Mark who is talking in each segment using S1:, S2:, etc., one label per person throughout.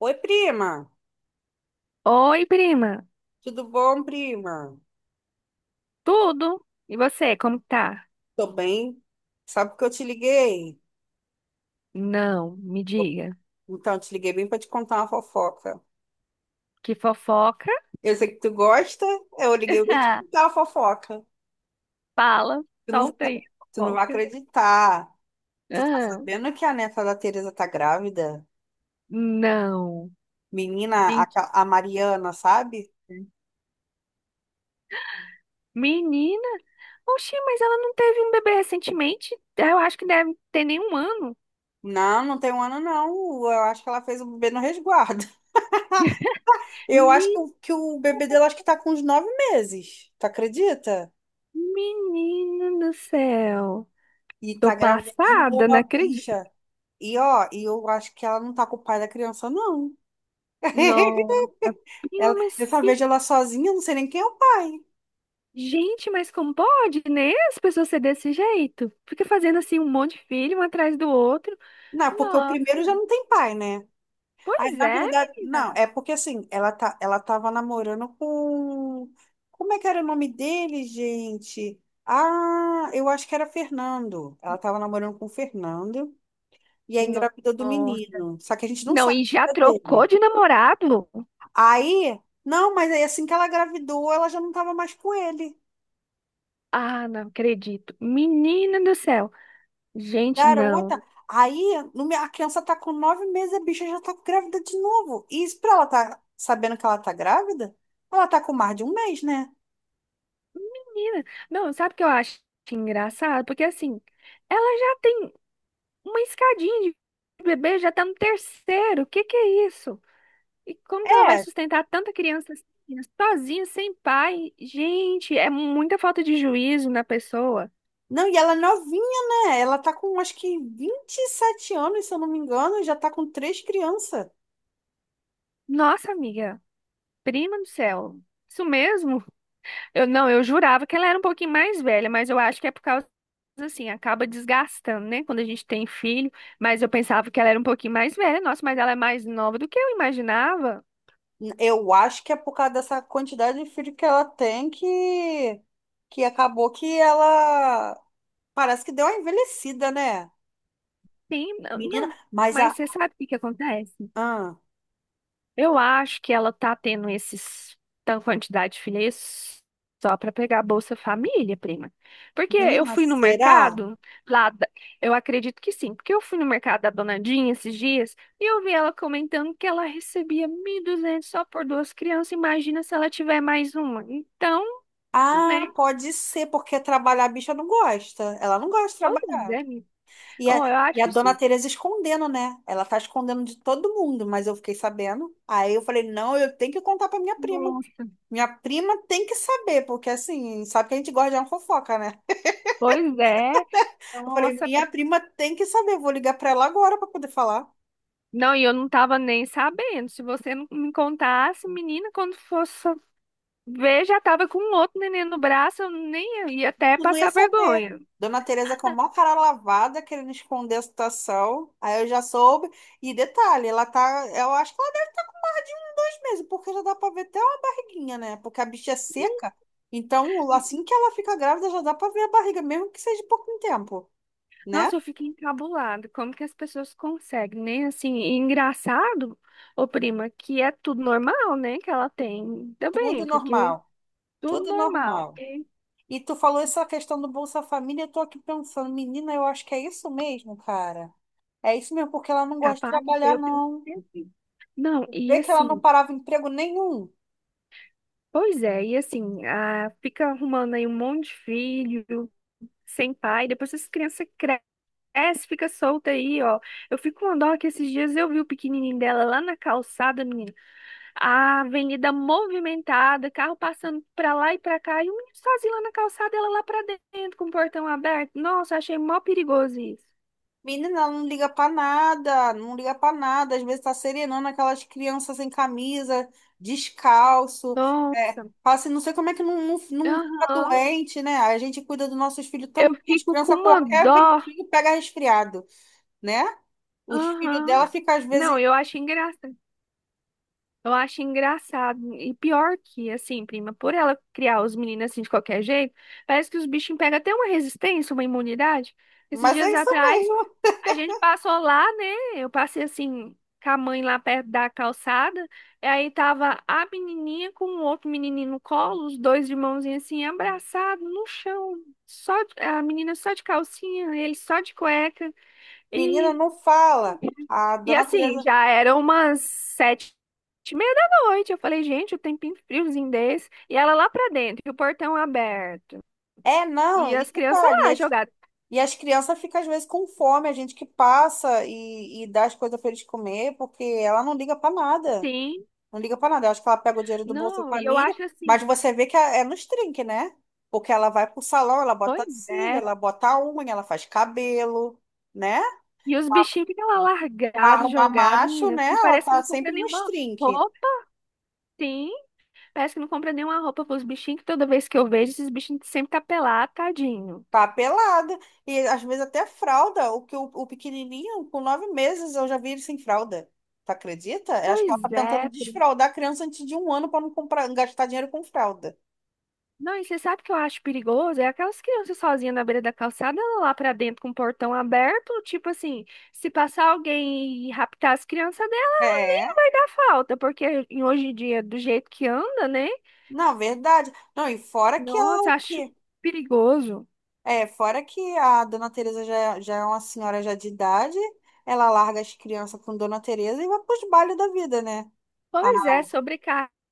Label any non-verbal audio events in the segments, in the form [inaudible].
S1: Oi, prima.
S2: Oi, prima.
S1: Tudo bom, prima?
S2: Tudo? E você, como que tá?
S1: Tô bem. Sabe que eu te liguei?
S2: Não, me diga.
S1: Então, eu te liguei bem para te contar uma fofoca.
S2: Que fofoca?
S1: Eu sei que tu gosta, eu liguei
S2: [laughs]
S1: bem pra te
S2: Ah,
S1: contar uma fofoca.
S2: fala,
S1: Tu não,
S2: solta
S1: sa-
S2: aí,
S1: Tu não vai
S2: fofoca.
S1: acreditar. Tu tá
S2: Ah,
S1: sabendo que a neta da Tereza tá grávida?
S2: não,
S1: Menina,
S2: mentira.
S1: a Mariana, sabe?
S2: Menina, oxi, mas ela não teve um bebê recentemente? Eu acho que deve ter nem um ano.
S1: Não, não tem um ano, não. Eu acho que ela fez o bebê no resguardo. [laughs]
S2: [laughs]
S1: Eu acho que
S2: Me-
S1: o, que o bebê dela acho que tá com uns 9 meses. Tu acredita?
S2: Menina do céu.
S1: E
S2: Tô
S1: tá grávida de
S2: passada,
S1: novo
S2: não
S1: a
S2: acredito.
S1: bicha. E ó, e eu acho que ela não tá com o pai da criança, não.
S2: Não.
S1: [laughs]
S2: Prima,
S1: Ela, eu
S2: mas
S1: só vejo ela sozinha, eu não sei nem quem é o pai.
S2: gente, mas como pode, né? As pessoas ser desse jeito. Fica fazendo assim um monte de filho, um atrás do outro.
S1: Não, porque o
S2: Nossa.
S1: primeiro já não tem pai, né? Aí,
S2: Pois
S1: na
S2: é,
S1: verdade,
S2: menina.
S1: não, é porque assim, ela tava namorando com. Como é que era o nome dele, gente? Ah, eu acho que era Fernando. Ela tava namorando com o Fernando e aí
S2: No-
S1: engravidou do
S2: Nossa.
S1: menino. Só que a gente não
S2: Não,
S1: sabe
S2: e já
S1: a vida
S2: trocou
S1: dele.
S2: de namorado?
S1: Aí, não, mas aí assim que ela engravidou, ela já não tava mais com ele.
S2: Ah, não acredito. Menina do céu. Gente, não.
S1: Garota, aí no me- a criança tá com 9 meses, a bicha já tá grávida de novo. E isso pra ela tá sabendo que ela tá grávida? Ela tá com mais de um mês, né?
S2: Menina. Não, sabe o que eu acho engraçado? Porque assim, ela já tem uma escadinha de bebê, já tá no terceiro. O que que é isso? E como que ela vai
S1: É.
S2: sustentar tanta criança assim, sozinha, sem pai? Gente, é muita falta de juízo na pessoa.
S1: Não, e ela é novinha, né? Ela tá com acho que 27 anos, se eu não me engano, e já tá com 3 crianças.
S2: Nossa, amiga, prima do céu. Isso mesmo? Eu não, eu jurava que ela era um pouquinho mais velha, mas eu acho que é por causa assim, acaba desgastando, né, quando a gente tem filho, mas eu pensava que ela era um pouquinho mais velha. Nossa, mas ela é mais nova do que eu imaginava.
S1: Eu acho que é por causa dessa quantidade de filho que ela tem que acabou que ela parece que deu uma envelhecida, né?
S2: Sim, não,
S1: Menina,
S2: não,
S1: mas
S2: mas
S1: a.
S2: você sabe o que que acontece?
S1: Ah,
S2: Eu acho que ela tá tendo esses tanta quantidade de filhas só para pegar a Bolsa Família, prima. Porque eu
S1: menina,
S2: fui no
S1: será?
S2: mercado lá, eu acredito que sim, porque eu fui no mercado da Dona Dinha esses dias e eu vi ela comentando que ela recebia 1.200 só por duas crianças. Imagina se ela tiver mais uma. Então,
S1: Ah,
S2: né?
S1: pode ser, porque trabalhar a bicha não gosta. Ela não gosta de
S2: Pois é,
S1: trabalhar.
S2: menina.
S1: E a,
S2: Oh, eu
S1: e a
S2: acho
S1: dona
S2: isso.
S1: Tereza escondendo, né? Ela tá escondendo de todo mundo, mas eu fiquei sabendo. Aí eu falei, não, eu tenho que contar pra minha prima.
S2: Nossa.
S1: Minha prima tem que saber, porque assim, sabe que a gente gosta de uma fofoca, né?
S2: Pois é.
S1: Eu falei,
S2: Nossa,
S1: minha prima tem que saber, vou ligar pra ela agora pra poder falar.
S2: não, e eu não tava nem sabendo. Se você não me contasse, menina, quando fosse ver, já tava com um outro neném no braço, eu nem ia até
S1: Tu não ia
S2: passar
S1: saber.
S2: vergonha.
S1: Dona Teresa com a maior cara lavada, querendo esconder a situação. Aí eu já soube. E detalhe, ela tá. Eu acho que ela dá de um, 2 meses, porque já dá pra ver até uma barriguinha, né? Porque a bicha é seca. Então, assim que ela fica grávida, já dá pra ver a barriga, mesmo que seja pouco tempo, né?
S2: Nossa, eu fiquei encabulada. Como que as pessoas conseguem, né? Assim, e engraçado, ô prima, que é tudo normal, né? Que ela tem. Ainda
S1: Tudo
S2: bem, porque
S1: normal.
S2: tudo
S1: Tudo
S2: normal,
S1: normal.
S2: porque
S1: E tu falou essa questão do Bolsa Família, eu tô aqui pensando, menina, eu acho que é isso mesmo, cara. É isso mesmo, porque ela não gosta de
S2: capaz de ser,
S1: trabalhar,
S2: eu tenho
S1: não.
S2: certeza. Não, e
S1: Vê que ela não
S2: assim,
S1: parava emprego nenhum.
S2: pois é, e assim, ah, fica arrumando aí um monte de filho sem pai, depois essa criança cresce, fica solta aí, ó. Eu fico com uma dó que esses dias eu vi o pequenininho dela lá na calçada, menina. A avenida movimentada, carro passando pra lá e pra cá, e o menino sozinho lá na calçada, ela lá pra dentro, com o portão aberto. Nossa, achei mó perigoso isso.
S1: Menina, ela não liga pra nada, não liga pra nada. Às vezes tá serenando aquelas crianças sem camisa, descalço. É,
S2: Nossa.
S1: fala assim, não sei como é que não, não, não fica
S2: Aham.
S1: doente, né? A gente cuida dos nossos filhos
S2: Eu
S1: tão bem, as
S2: fico com
S1: crianças,
S2: uma
S1: qualquer
S2: dó.
S1: ventinho pega resfriado, né? Os filhos dela
S2: Aham.
S1: ficam às vezes.
S2: Não, eu acho engraçado. Eu acho engraçado. E pior que, assim, prima, por ela criar os meninos assim de qualquer jeito, parece que os bichinhos pegam até uma resistência, uma imunidade. Esses
S1: Mas é
S2: dias
S1: isso
S2: atrás,
S1: mesmo.
S2: a gente passou lá, né? Eu passei assim, com a mãe lá perto da calçada. E aí tava a menininha com o outro menininho no colo, os dois de mãozinha assim, abraçados no chão. Só, a menina só de calcinha, ele só de cueca.
S1: Menina,
S2: E
S1: não fala. A
S2: e
S1: dona
S2: assim,
S1: Teresa.
S2: já eram umas sete e meia da noite. Eu falei, gente, o tempinho friozinho desse. E ela lá pra dentro, e o portão aberto.
S1: É,
S2: E
S1: não, e
S2: as crianças
S1: detalhe,
S2: lá
S1: as
S2: jogadas.
S1: E as crianças ficam, às vezes, com fome, a gente que passa e dá as coisas para eles comer, porque ela não liga para nada.
S2: Sim,
S1: Não liga para nada. Eu acho que ela pega o dinheiro do Bolsa
S2: não, e eu
S1: Família,
S2: acho
S1: mas
S2: assim,
S1: você vê que é nos trinques, né? Porque ela vai pro salão, ela
S2: pois
S1: bota cílio,
S2: é.
S1: ela bota unha, ela faz cabelo, né?
S2: E os bichinhos ficam lá largados,
S1: Arruma
S2: jogados,
S1: macho,
S2: menina.
S1: né?
S2: E
S1: Ela
S2: parece que
S1: tá
S2: não compra
S1: sempre nos
S2: nenhuma
S1: trinques.
S2: roupa. Sim, parece que não compra nenhuma roupa pros bichinhos, que toda vez que eu vejo, esses bichinhos sempre tá pelado, tadinho.
S1: Papelada. E às vezes até fralda. O pequenininho, com 9 meses, eu já vi ele sem fralda. Tu acredita? Eu acho que ela tá
S2: Pois
S1: tentando
S2: é,
S1: desfraldar a criança antes de um ano para não comprar, gastar dinheiro com fralda.
S2: não, e você sabe o que eu acho perigoso? É aquelas crianças sozinhas na beira da calçada, lá pra dentro com o portão aberto, tipo assim, se passar alguém e raptar as crianças dela, nem
S1: É.
S2: vai dar falta, porque hoje em dia, do jeito que anda, né?
S1: Não, verdade. Não, e fora que ela
S2: Nossa, acho
S1: que
S2: perigoso.
S1: é, fora que a Dona Teresa já, já é uma senhora já de idade, ela larga as crianças com Dona Teresa e vai pros bailes da vida, né?
S2: Pois é, sobrecarrega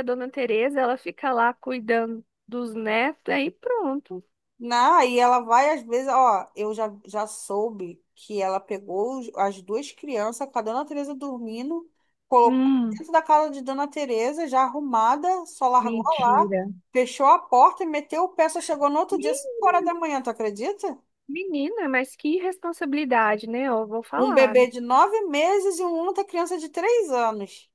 S2: a dona Tereza, ela fica lá cuidando dos netos, aí pronto.
S1: Não, aí ela vai, às vezes, ó, eu já soube que ela pegou as duas crianças com a Dona Teresa dormindo, colocou
S2: Hum,
S1: dentro da casa de Dona Teresa, já arrumada, só largou lá,
S2: mentira.
S1: fechou a porta e meteu o pé, só chegou no outro
S2: Me-
S1: dia, 5 horas da manhã, tu acredita?
S2: Menina, mas que responsabilidade, né? Eu vou
S1: Um
S2: falar.
S1: bebê de 9 meses e uma outra criança de 3 anos.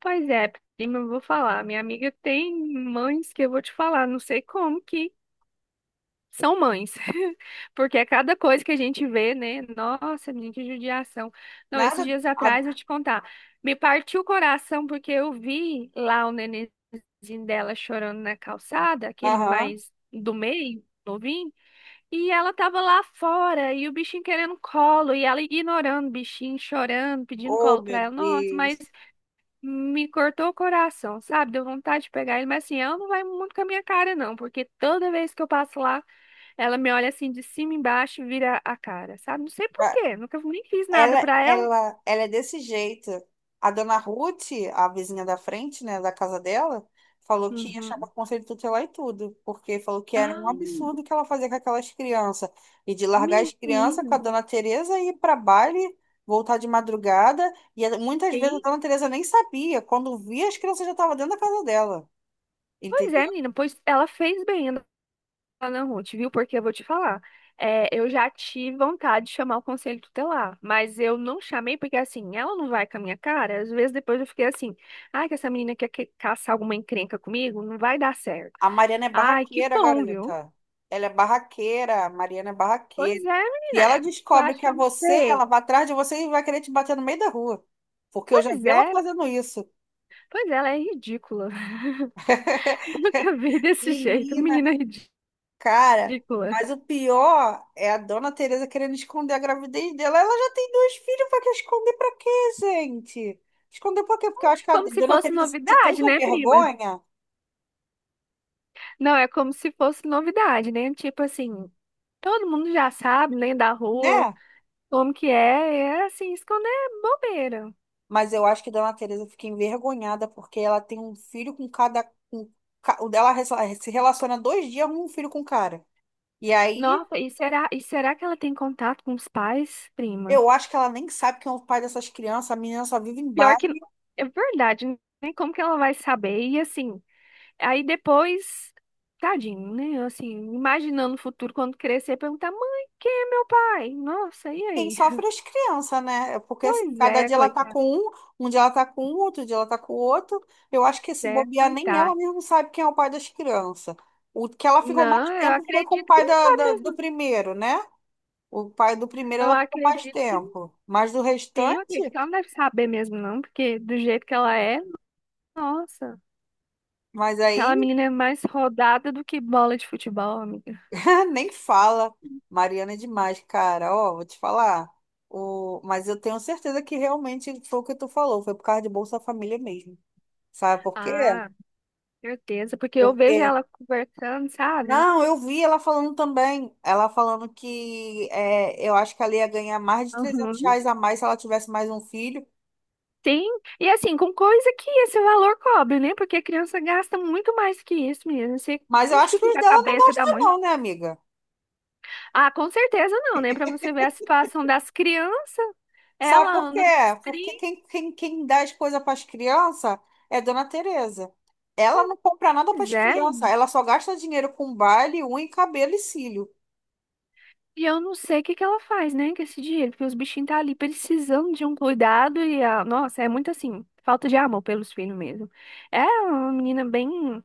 S2: Pois é, prima, eu vou falar. Minha amiga tem mães que eu vou te falar, não sei como que são mães. [laughs] Porque é cada coisa que a gente vê, né? Nossa, menina, que judiação. Não, esses
S1: Nada.
S2: dias atrás,
S1: A-
S2: eu te contar, me partiu o coração porque eu vi lá o nenenzinho dela chorando na calçada, aquele
S1: Aham.
S2: mais do meio, novinho, e ela tava lá fora, e o bichinho querendo colo, e ela ignorando o bichinho, chorando, pedindo
S1: Oh,
S2: colo pra
S1: meu
S2: ela. Nossa, mas
S1: Deus.
S2: me cortou o coração, sabe? Deu vontade de pegar ele, mas assim, ela não vai muito com a minha cara, não, porque toda vez que eu passo lá, ela me olha assim de cima e embaixo e vira a cara, sabe? Não sei por quê, nunca nem fiz nada
S1: Ela,
S2: pra ela.
S1: ela, ela é desse jeito. A dona Ruth, a vizinha da frente, né, da casa dela, falou que achava
S2: Uhum.
S1: conselho tutelar e tudo, porque falou que era um
S2: Ah,
S1: absurdo o que ela fazia com aquelas crianças. E de largar as crianças
S2: menina,
S1: com a dona Tereza e ir para baile, voltar de madrugada. Muitas vezes a
S2: sim.
S1: dona Tereza nem sabia. Quando via, as crianças já estavam dentro da casa dela.
S2: Pois é,
S1: Entendeu?
S2: menina, pois ela fez bem. Ah, não, Ruth, viu? Porque eu vou te falar. É, eu já tive vontade de chamar o conselho tutelar, mas eu não chamei porque, assim, ela não vai com a minha cara. Às vezes depois eu fiquei assim, ai, que essa menina quer que- caçar alguma encrenca comigo, não vai dar certo.
S1: A Mariana é
S2: Ai, que
S1: barraqueira,
S2: bom, viu?
S1: garota. Ela é barraqueira, a Mariana é
S2: Pois
S1: barraqueira.
S2: é,
S1: Se
S2: menina,
S1: ela
S2: é, tu
S1: descobre
S2: acha
S1: que
S2: que
S1: é
S2: eu não
S1: você, ela
S2: sei?
S1: vai atrás de você e vai querer te bater no meio da rua. Porque eu já
S2: Pois
S1: vi ela
S2: é,
S1: fazendo isso.
S2: pois é, ela é ridícula. [laughs] Eu nunca vi desse jeito,
S1: Menina,
S2: menina
S1: cara.
S2: ridícula.
S1: Mas o pior é a dona Tereza querendo esconder a gravidez dela. Ela já tem dois filhos, pra que esconder pra quê, gente? Esconder por quê? Porque eu acho que a
S2: Como se
S1: dona
S2: fosse
S1: Tereza sente
S2: novidade,
S1: tanta
S2: né, prima?
S1: vergonha,
S2: Não, é como se fosse novidade, né? Tipo assim, todo mundo já sabe, né, da rua,
S1: né?
S2: como que é, é assim, esconder bobeira.
S1: Mas eu acho que Dona Teresa fica envergonhada porque ela tem um filho com cada. Com, o dela se relaciona 2 dias com um filho com um cara. E aí
S2: Nossa, e será que ela tem contato com os pais, prima?
S1: eu acho que ela nem sabe quem é o pai dessas crianças. A menina só vive em bar.
S2: Pior que é verdade, né? Como que ela vai saber? E assim, aí depois, tadinho, né? Assim, imaginando o futuro quando crescer, perguntar: "Mãe, quem é meu pai?" Nossa, e
S1: E quem
S2: aí?
S1: sofre é as crianças, né? É Porque assim,
S2: Pois
S1: cada
S2: é,
S1: dia ela tá
S2: coitado,
S1: com um, um dia ela tá com um, outro dia ela tá com o outro. Eu acho que esse
S2: é,
S1: bobear nem ela
S2: coitado.
S1: mesma sabe quem é o pai das crianças. O que ela ficou mais
S2: Não, eu
S1: tempo foi com o
S2: acredito que
S1: pai
S2: não tá
S1: do
S2: mesmo.
S1: primeiro, né? O pai do primeiro
S2: Eu
S1: ela ficou mais
S2: acredito que não
S1: tempo. Mas do
S2: tem, eu
S1: restante.
S2: acredito que ela não deve saber mesmo, não, porque do jeito que ela é, nossa,
S1: Mas aí
S2: aquela menina é mais rodada do que bola de futebol, amiga.
S1: [laughs] nem fala. Mariana é demais, cara. Ó, vou te falar. O... Mas eu tenho certeza que realmente foi o que tu falou, foi por causa de Bolsa Família mesmo. Sabe por quê?
S2: Ah, certeza, porque eu vejo
S1: Porque.
S2: ela conversando, sabe?
S1: Não, eu vi ela falando também. Ela falando que é, eu acho que ela ia ganhar mais de 300
S2: Uhum.
S1: reais a mais se ela tivesse mais um filho.
S2: Sim, e assim, com coisa que esse valor cobre, né? Porque a criança gasta muito mais que isso mesmo. Você-
S1: Mas eu
S2: Onde
S1: acho
S2: que
S1: que os
S2: fica a
S1: dela não
S2: cabeça da
S1: gostam,
S2: mãe?
S1: não, né, amiga?
S2: Ah, com certeza não, né? Pra você ver a situação das crianças,
S1: Sabe
S2: ela
S1: por quê?
S2: anda nos
S1: Porque
S2: 30.
S1: quem dá as coisas para as crianças é Dona Tereza. Ela não compra nada para as
S2: Pois é.
S1: crianças, ela só gasta dinheiro com baile, unha, cabelo e cílio.
S2: E eu não sei o que que ela faz, né, com esse dinheiro, porque os bichinhos tá ali precisando de um cuidado e a... Nossa, é muito assim, falta de amor pelos filhos mesmo. É uma menina bem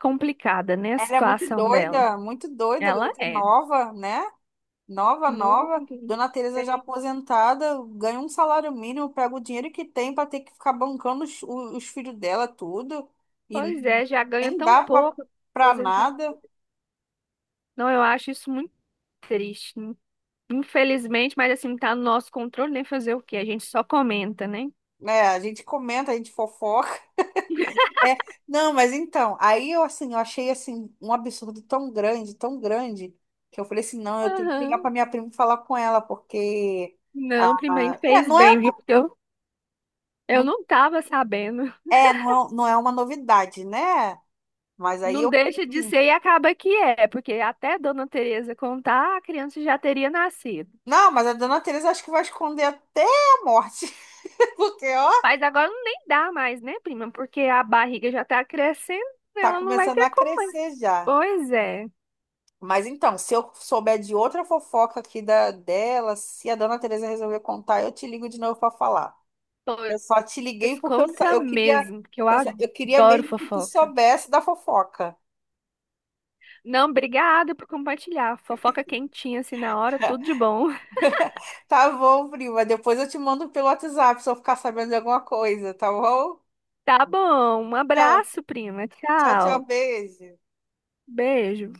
S2: complicada, né, a
S1: Ela é
S2: situação dela.
S1: muito doida,
S2: Ela
S1: garota
S2: é
S1: nova, né? Nova, nova.
S2: muito.
S1: Dona Tereza já
S2: Bem.
S1: aposentada, ganha um salário mínimo, pega o dinheiro que tem para ter que ficar bancando os, os filhos dela, tudo. E
S2: Pois é, já ganha
S1: nem
S2: tão
S1: dá
S2: pouco
S1: para
S2: aposentado.
S1: nada.
S2: Não, eu acho isso muito triste. Infelizmente, mas assim, não tá no nosso controle nem fazer o quê? A gente só comenta, né?
S1: Né, a gente comenta, a gente fofoca.
S2: [laughs]
S1: É, não, mas então, aí eu assim, eu achei assim um absurdo tão grande, que eu falei assim, não, eu tenho que ligar para
S2: Aham.
S1: minha prima e falar com ela, porque
S2: Não, prima,
S1: é,
S2: fez
S1: não
S2: bem,
S1: é,
S2: viu? Porque eu
S1: não,
S2: não tava sabendo.
S1: é, não, não é uma novidade, né? Mas aí
S2: Não
S1: eu falei
S2: deixa de
S1: assim,
S2: ser e acaba que é, porque até Dona Teresa contar, a criança já teria nascido.
S1: não, mas a dona Teresa acho que vai esconder até a morte, [laughs] porque ó,
S2: Mas agora nem dá mais, né, prima? Porque a barriga já tá crescendo,
S1: tá
S2: ela não vai
S1: começando
S2: ter
S1: a
S2: como mais.
S1: crescer já.
S2: Pois é.
S1: Mas então, se eu souber de outra fofoca aqui da dela, se a dona Teresa resolver contar, eu te ligo de novo para falar. Eu só te liguei
S2: Pois
S1: porque
S2: conta mesmo, que eu
S1: eu queria
S2: adoro
S1: mesmo que tu
S2: fofoca.
S1: soubesse da fofoca.
S2: Não, obrigada por compartilhar. Fofoca quentinha assim na hora, tudo de
S1: [laughs]
S2: bom. [laughs]
S1: Tá bom, prima. Depois eu te mando pelo WhatsApp se eu ficar sabendo de alguma coisa, tá bom?
S2: Tá bom, um
S1: Tchau,
S2: abraço, prima.
S1: tchau, tchau,
S2: Tchau.
S1: beijo.
S2: Beijo.